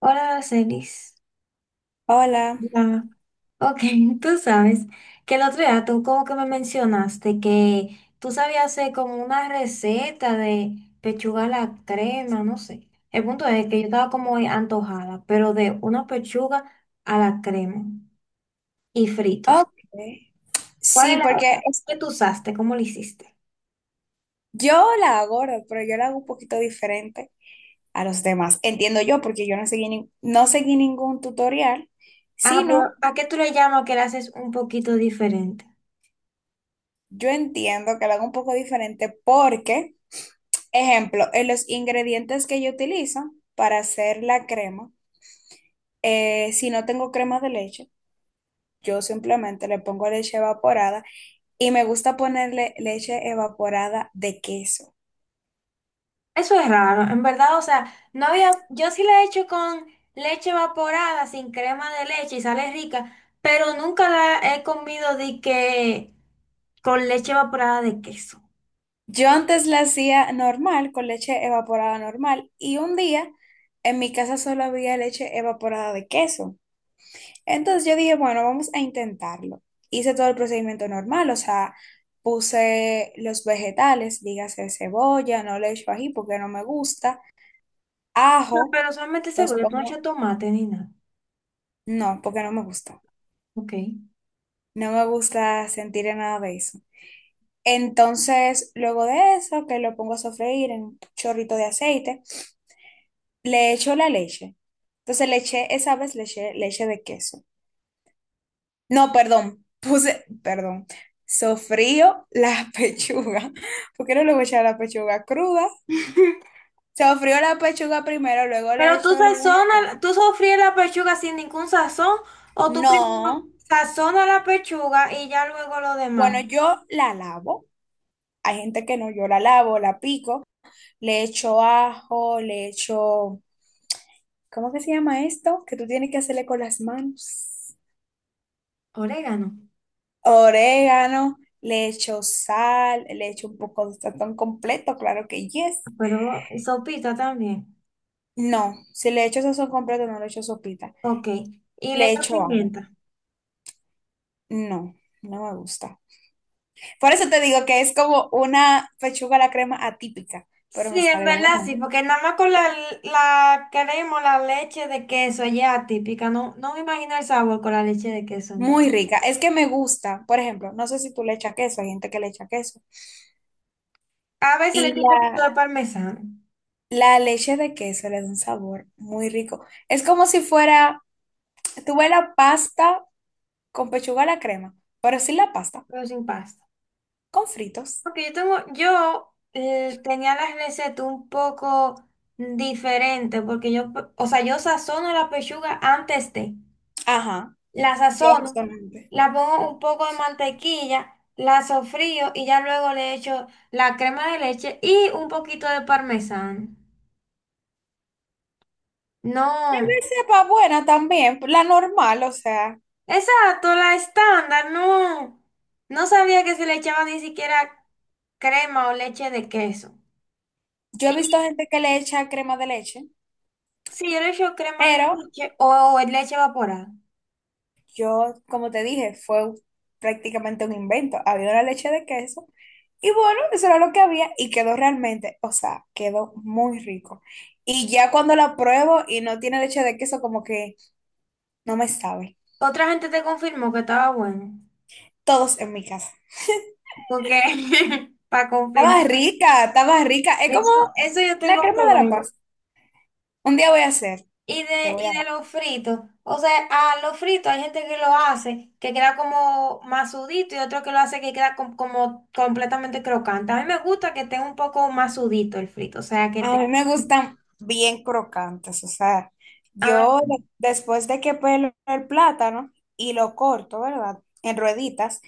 Hola, Celis. Hola. Hola. Ok, tú sabes que el otro día tú como que me mencionaste que tú sabías hacer como una receta de pechuga a la crema, no sé. El punto es que yo estaba como antojada, pero de una pechuga a la crema y fritos. Ok. ¿Cuál Sí, era porque esa es- que tú usaste? ¿Cómo lo hiciste? yo la hago, ¿verdad? Pero yo la hago un poquito diferente a los demás. Entiendo yo, porque yo no seguí, no seguí ningún tutorial, Ah, pero sino ¿a qué tú le llamas que la haces un poquito diferente? yo entiendo que la hago un poco diferente porque, ejemplo, en los ingredientes que yo utilizo para hacer la crema, si no tengo crema de leche, yo simplemente le pongo leche evaporada y me gusta ponerle leche evaporada de queso. Eso es raro, en verdad, o sea, no había, yo sí la he hecho con leche evaporada, sin crema de leche y sale rica, pero nunca la he comido de que con leche evaporada de queso. Yo antes la hacía normal, con leche evaporada normal, y un día en mi casa solo había leche evaporada de queso. Entonces yo dije, bueno, vamos a intentarlo. Hice todo el procedimiento normal, o sea, puse los vegetales, dígase cebolla, no le echo ají porque no me gusta, No, ajo, pero solamente los seguro, tú no pongo, echas tomate ni nada. no, porque no me gusta. Ok. No me gusta sentir nada de eso. Entonces, luego de eso, que lo pongo a sofreír en un chorrito de aceite, le echo la leche. Entonces le eché, esa vez le eché leche de queso. No, perdón, puse, perdón, sofrío la pechuga, porque no le voy a echar la pechuga cruda. Sofrío la pechuga primero, luego le Pero tú echo los vegetales. sazonas, tú sofríes la pechuga sin ningún sazón, o tú primero No, sazonas la pechuga y ya luego lo demás. bueno, yo la lavo. Hay gente que no, yo la lavo, la pico, le echo ajo, le echo, ¿cómo que se llama esto? Que tú tienes que hacerle con las manos. Orégano, Orégano, le echo sal, le echo un poco de sazón completo, claro que yes. pero sopita también. No, si le echo sazón completo, no le echo sopita. Ok. Y le Le echas echo ajo. pimienta. No, no me gusta. Por eso te digo que es como una pechuga a la crema atípica, pero Sí, me en sale verdad buena. sí, porque nada más con la, la crema o la leche de queso ya típica, no, no me imagino el sabor con la leche de queso, en verdad. Muy rica. Es que me gusta, por ejemplo, no sé si tú le echas queso, hay gente que le echa queso. A veces le echo Y un poquito la, de parmesano, la leche de queso le da un sabor muy rico. Es como si fuera, tuve la pasta con pechuga a la crema, pero sin la pasta, pero sin pasta. con fritos. Porque yo tengo, yo tenía las recetas un poco diferentes, porque yo, o sea, yo sazono la pechuga antes de, Ajá, la yo sazono, justamente. la pongo un poco de mantequilla, la sofrío y ya luego le echo la crema de leche y un poquito de parmesano. Tal No, vez sepa buena también, la normal, o sea, exacto, la estándar, no. No sabía que se le echaba ni siquiera crema o leche de queso. yo he visto Y gente que le echa crema de leche, sí, yo le echo crema de pero leche o leche evaporada. yo, como te dije, fue prácticamente un invento. Había una leche de queso y bueno, eso era lo que había y quedó realmente, o sea, quedó muy rico. Y ya cuando la pruebo y no tiene leche de queso, como que no me sabe. Otra gente te confirmó que estaba bueno. Todos en mi casa. Porque, para confirmar, Estaba rica, estaba rica. Es como eso yo la tengo que crema de la ver. paz. Un día voy a hacer, te voy Y a dar. de los fritos, o sea, a los fritos hay gente que lo hace, que queda como masudito y otro que lo hace que queda com- como completamente crocante. A mí me gusta que esté un poco masudito el frito, o sea, que A te... mí me gustan bien crocantes, o sea, Ah, yo después de que pelo el plátano y lo corto, ¿verdad? En rueditas,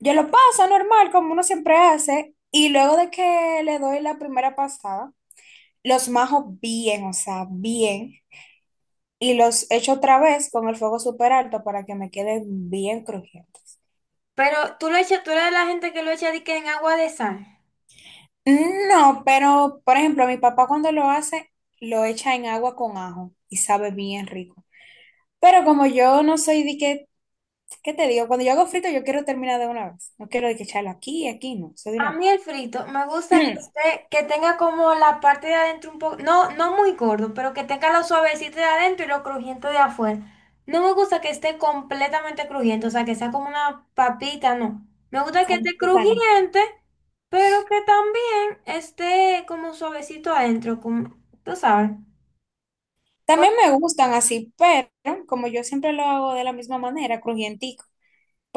yo lo paso normal, como uno siempre hace, y luego de que le doy la primera pasada, los majo bien, o sea, bien, y los echo otra vez con el fuego súper alto para que me queden bien crujientes. pero tú lo echas, tú eres de la gente que lo echa de que en agua de sal. No, pero por ejemplo, mi papá cuando lo hace, lo echa en agua con ajo y sabe bien rico. Pero como yo no soy de que, ¿qué te digo? Cuando yo hago frito, yo quiero terminar de una vez. No quiero de que echarlo aquí y aquí, no, soy de A una mí el frito me gusta que vez. esté, que tenga como la parte de adentro un poco, no, no muy gordo, pero que tenga lo suavecito de adentro y lo crujiente de afuera. No me gusta que esté completamente crujiente, o sea, que sea como una papita, no. Me gusta que Con esté platanito. crujiente, pero que también esté como suavecito adentro, como, tú sabes. También me gustan así, pero como yo siempre lo hago de la misma manera, crujientico,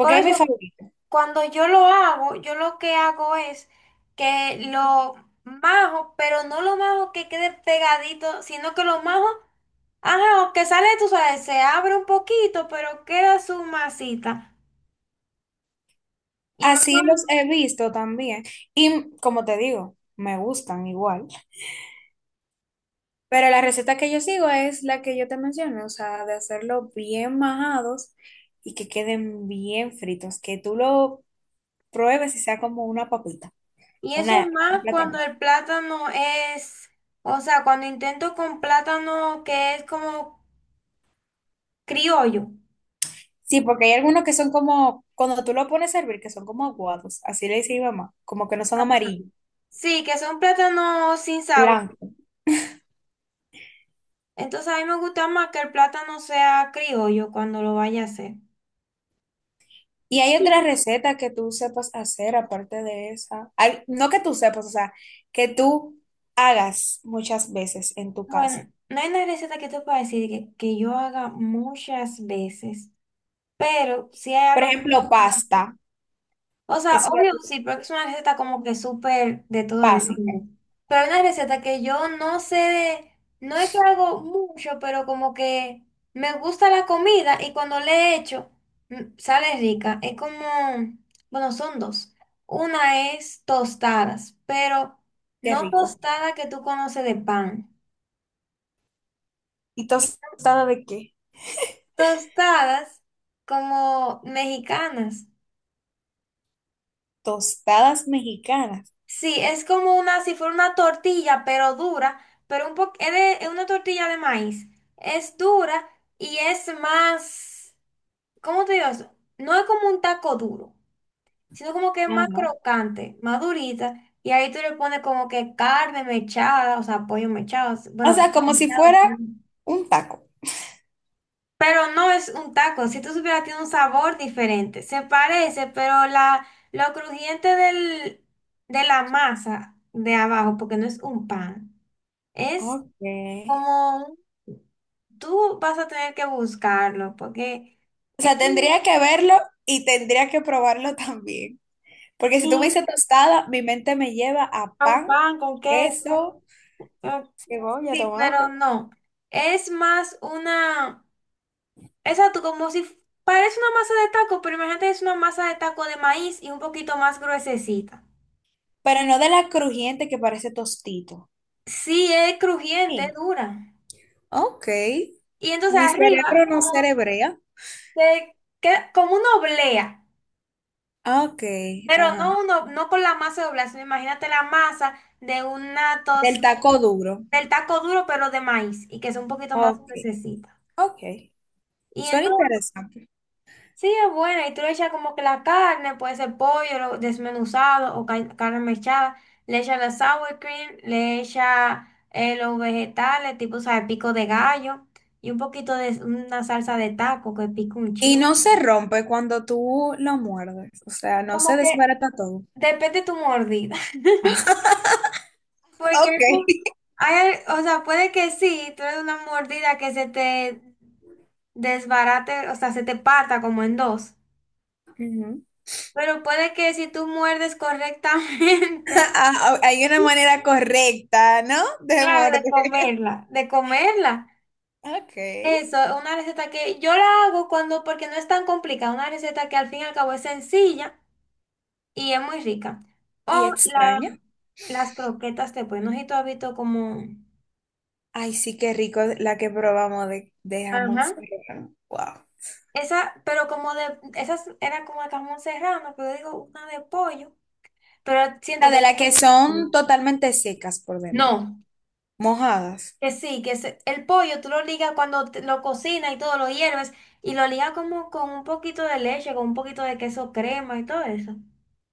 Por es mi eso, favorito. cuando yo lo hago, yo lo que hago es que lo majo, pero no lo majo que quede pegadito, sino que lo majo, ajá, que sale, tú sabes, se abre un poquito, pero queda su masita. Y, más Así los cuando- he visto también. Y como te digo, me gustan igual. Pero la receta que yo sigo es la que yo te mencioné, o sea, de hacerlo bien majados y que queden bien fritos, que tú lo pruebes y sea como una papita, y eso es una, un más cuando platanito. el plátano es, o sea, cuando intento con plátano que es como criollo. Sí, porque hay algunos que son como, cuando tú lo pones a hervir, que son como aguados, así le dice mi mamá, como que no son Ajá. amarillos, Sí, que son plátanos sin sabor. blancos. Entonces a mí me gusta más que el plátano sea criollo cuando lo vaya a hacer. Y hay otra receta que tú sepas hacer aparte de esa. Hay- no que tú sepas, o sea, que tú hagas muchas veces en tu casa. Bueno, no hay una receta que te pueda decir que yo haga muchas veces, pero si hay Por algo ejemplo, como- pasta, O sea, es una- obvio sí, porque es una receta como que súper de todo el fácil. mundo. Pero hay una receta que yo no sé de... No es que hago mucho, pero como que me gusta la comida y cuando le he hecho, mm, sale rica. Es como... Bueno, son dos. Una es tostadas, pero Qué no rico. tostada que tú conoces de pan. ¿Y tostada de qué? Tostadas como mexicanas. Tostadas mexicanas. Sí, es como una, si fuera una tortilla, pero dura, pero un poco, es, de- es una tortilla de maíz. Es dura y es más, ¿cómo te digo eso? No es como un taco duro, sino como que es más Ajá. crocante, más durita. Y ahí tú le pones como que carne mechada, o sea, pollo mechado, O bueno, sea, como si mechado. fuera un taco. Pero no es un taco, si tú supieras, tiene un sabor diferente. Se parece, pero la, lo crujiente del, de la masa de abajo, porque no es un pan, es Ok. como, un- tú vas a tener que buscarlo, porque O es sea, como un tendría que verlo y tendría que probarlo también. Porque si sí, tú me dices tostada, mi mente me lleva a a un pan, pan con queso. queso, eh, cebolla, Sí, pero tomate. no. Es más una, exacto, como si f- parece una masa de taco, pero imagínate es una masa de taco de maíz y un poquito más gruesecita. Pero no de la crujiente que parece tostito. Sí, es crujiente, es Sí. dura. Ok. Y entonces Mi arriba, cerebro no como, cerebrea. se queda- como una oblea, Ok, pero ajá. no, uno, no con la masa de oblea, sino imagínate la masa de una tos, Del taco duro. del taco duro, pero de maíz, y que es un poquito más Ok. necesita. Ok. Y Suena entonces interesante. sí, es buena. Y tú le echas como que la carne, puede ser pollo lo- desmenuzado o ca- carne mechada. Le echas la sour cream, le echas los vegetales, tipo, ¿sabes? Pico de gallo y un poquito de una salsa de taco que pica un Y chingo. no se rompe cuando tú lo muerdes, o sea, no Como se que desbarata todo. depende de tu mordida. Porque hay, Ok. mu- hay- o sea, puede que sí, tú eres una mordida que se te desbarate, o sea, se te parta como en dos. Ujú. Pero puede que si tú muerdes correctamente. Ah, ah, hay una manera correcta, ¿no? De Claro, morder. de comerla, de comerla. Ok. Eso es una receta que yo la hago cuando, porque no es tan complicada, una receta que al fin y al cabo es sencilla y es muy rica. ¿Y O la, extraña? las croquetas de pollo, no sé si tú has visto como... Ay, sí, qué rico la que probamos de jamón Ajá. serrano. Wow. Esa, pero como de, esas era como de jamón serrano, pero yo digo una de pollo, pero La siento que... de la que son totalmente secas por dentro, No, mojadas. que sí, que se- el pollo tú lo ligas cuando te- lo cocinas y todo, lo hierves y lo ligas como con un poquito de leche, con un poquito de queso crema y todo eso.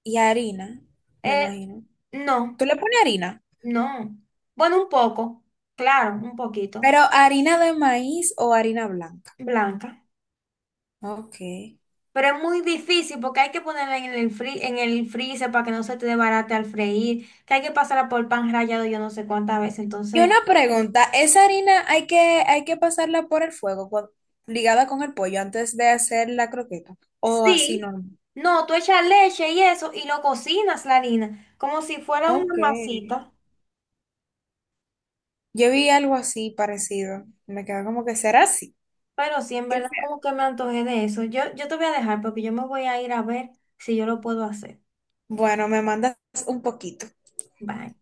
Y harina, me Eh, imagino. no, Tú le pones harina, no. Bueno, un poco, claro, un poquito, pero harina de maíz o harina blanca. blanca. Ok. Pero es muy difícil porque hay que ponerla en el fri- en el freezer para que no se te desbarate al freír, que hay que pasarla por pan rallado yo no sé cuántas veces. Y Entonces, una pregunta, ¿esa harina hay que pasarla por el fuego ligada con el pollo antes de hacer la croqueta? ¿O así sí, no? no, tú echas leche y eso y lo cocinas la harina, como si fuera una Ok. masita. Yo vi algo así parecido. Me quedó como que será así. Pero sí, en Que verdad como sea. que me antojé de eso. Yo te voy a dejar porque yo me voy a ir a ver si yo lo puedo hacer. Bueno, me mandas un poquito. Bye.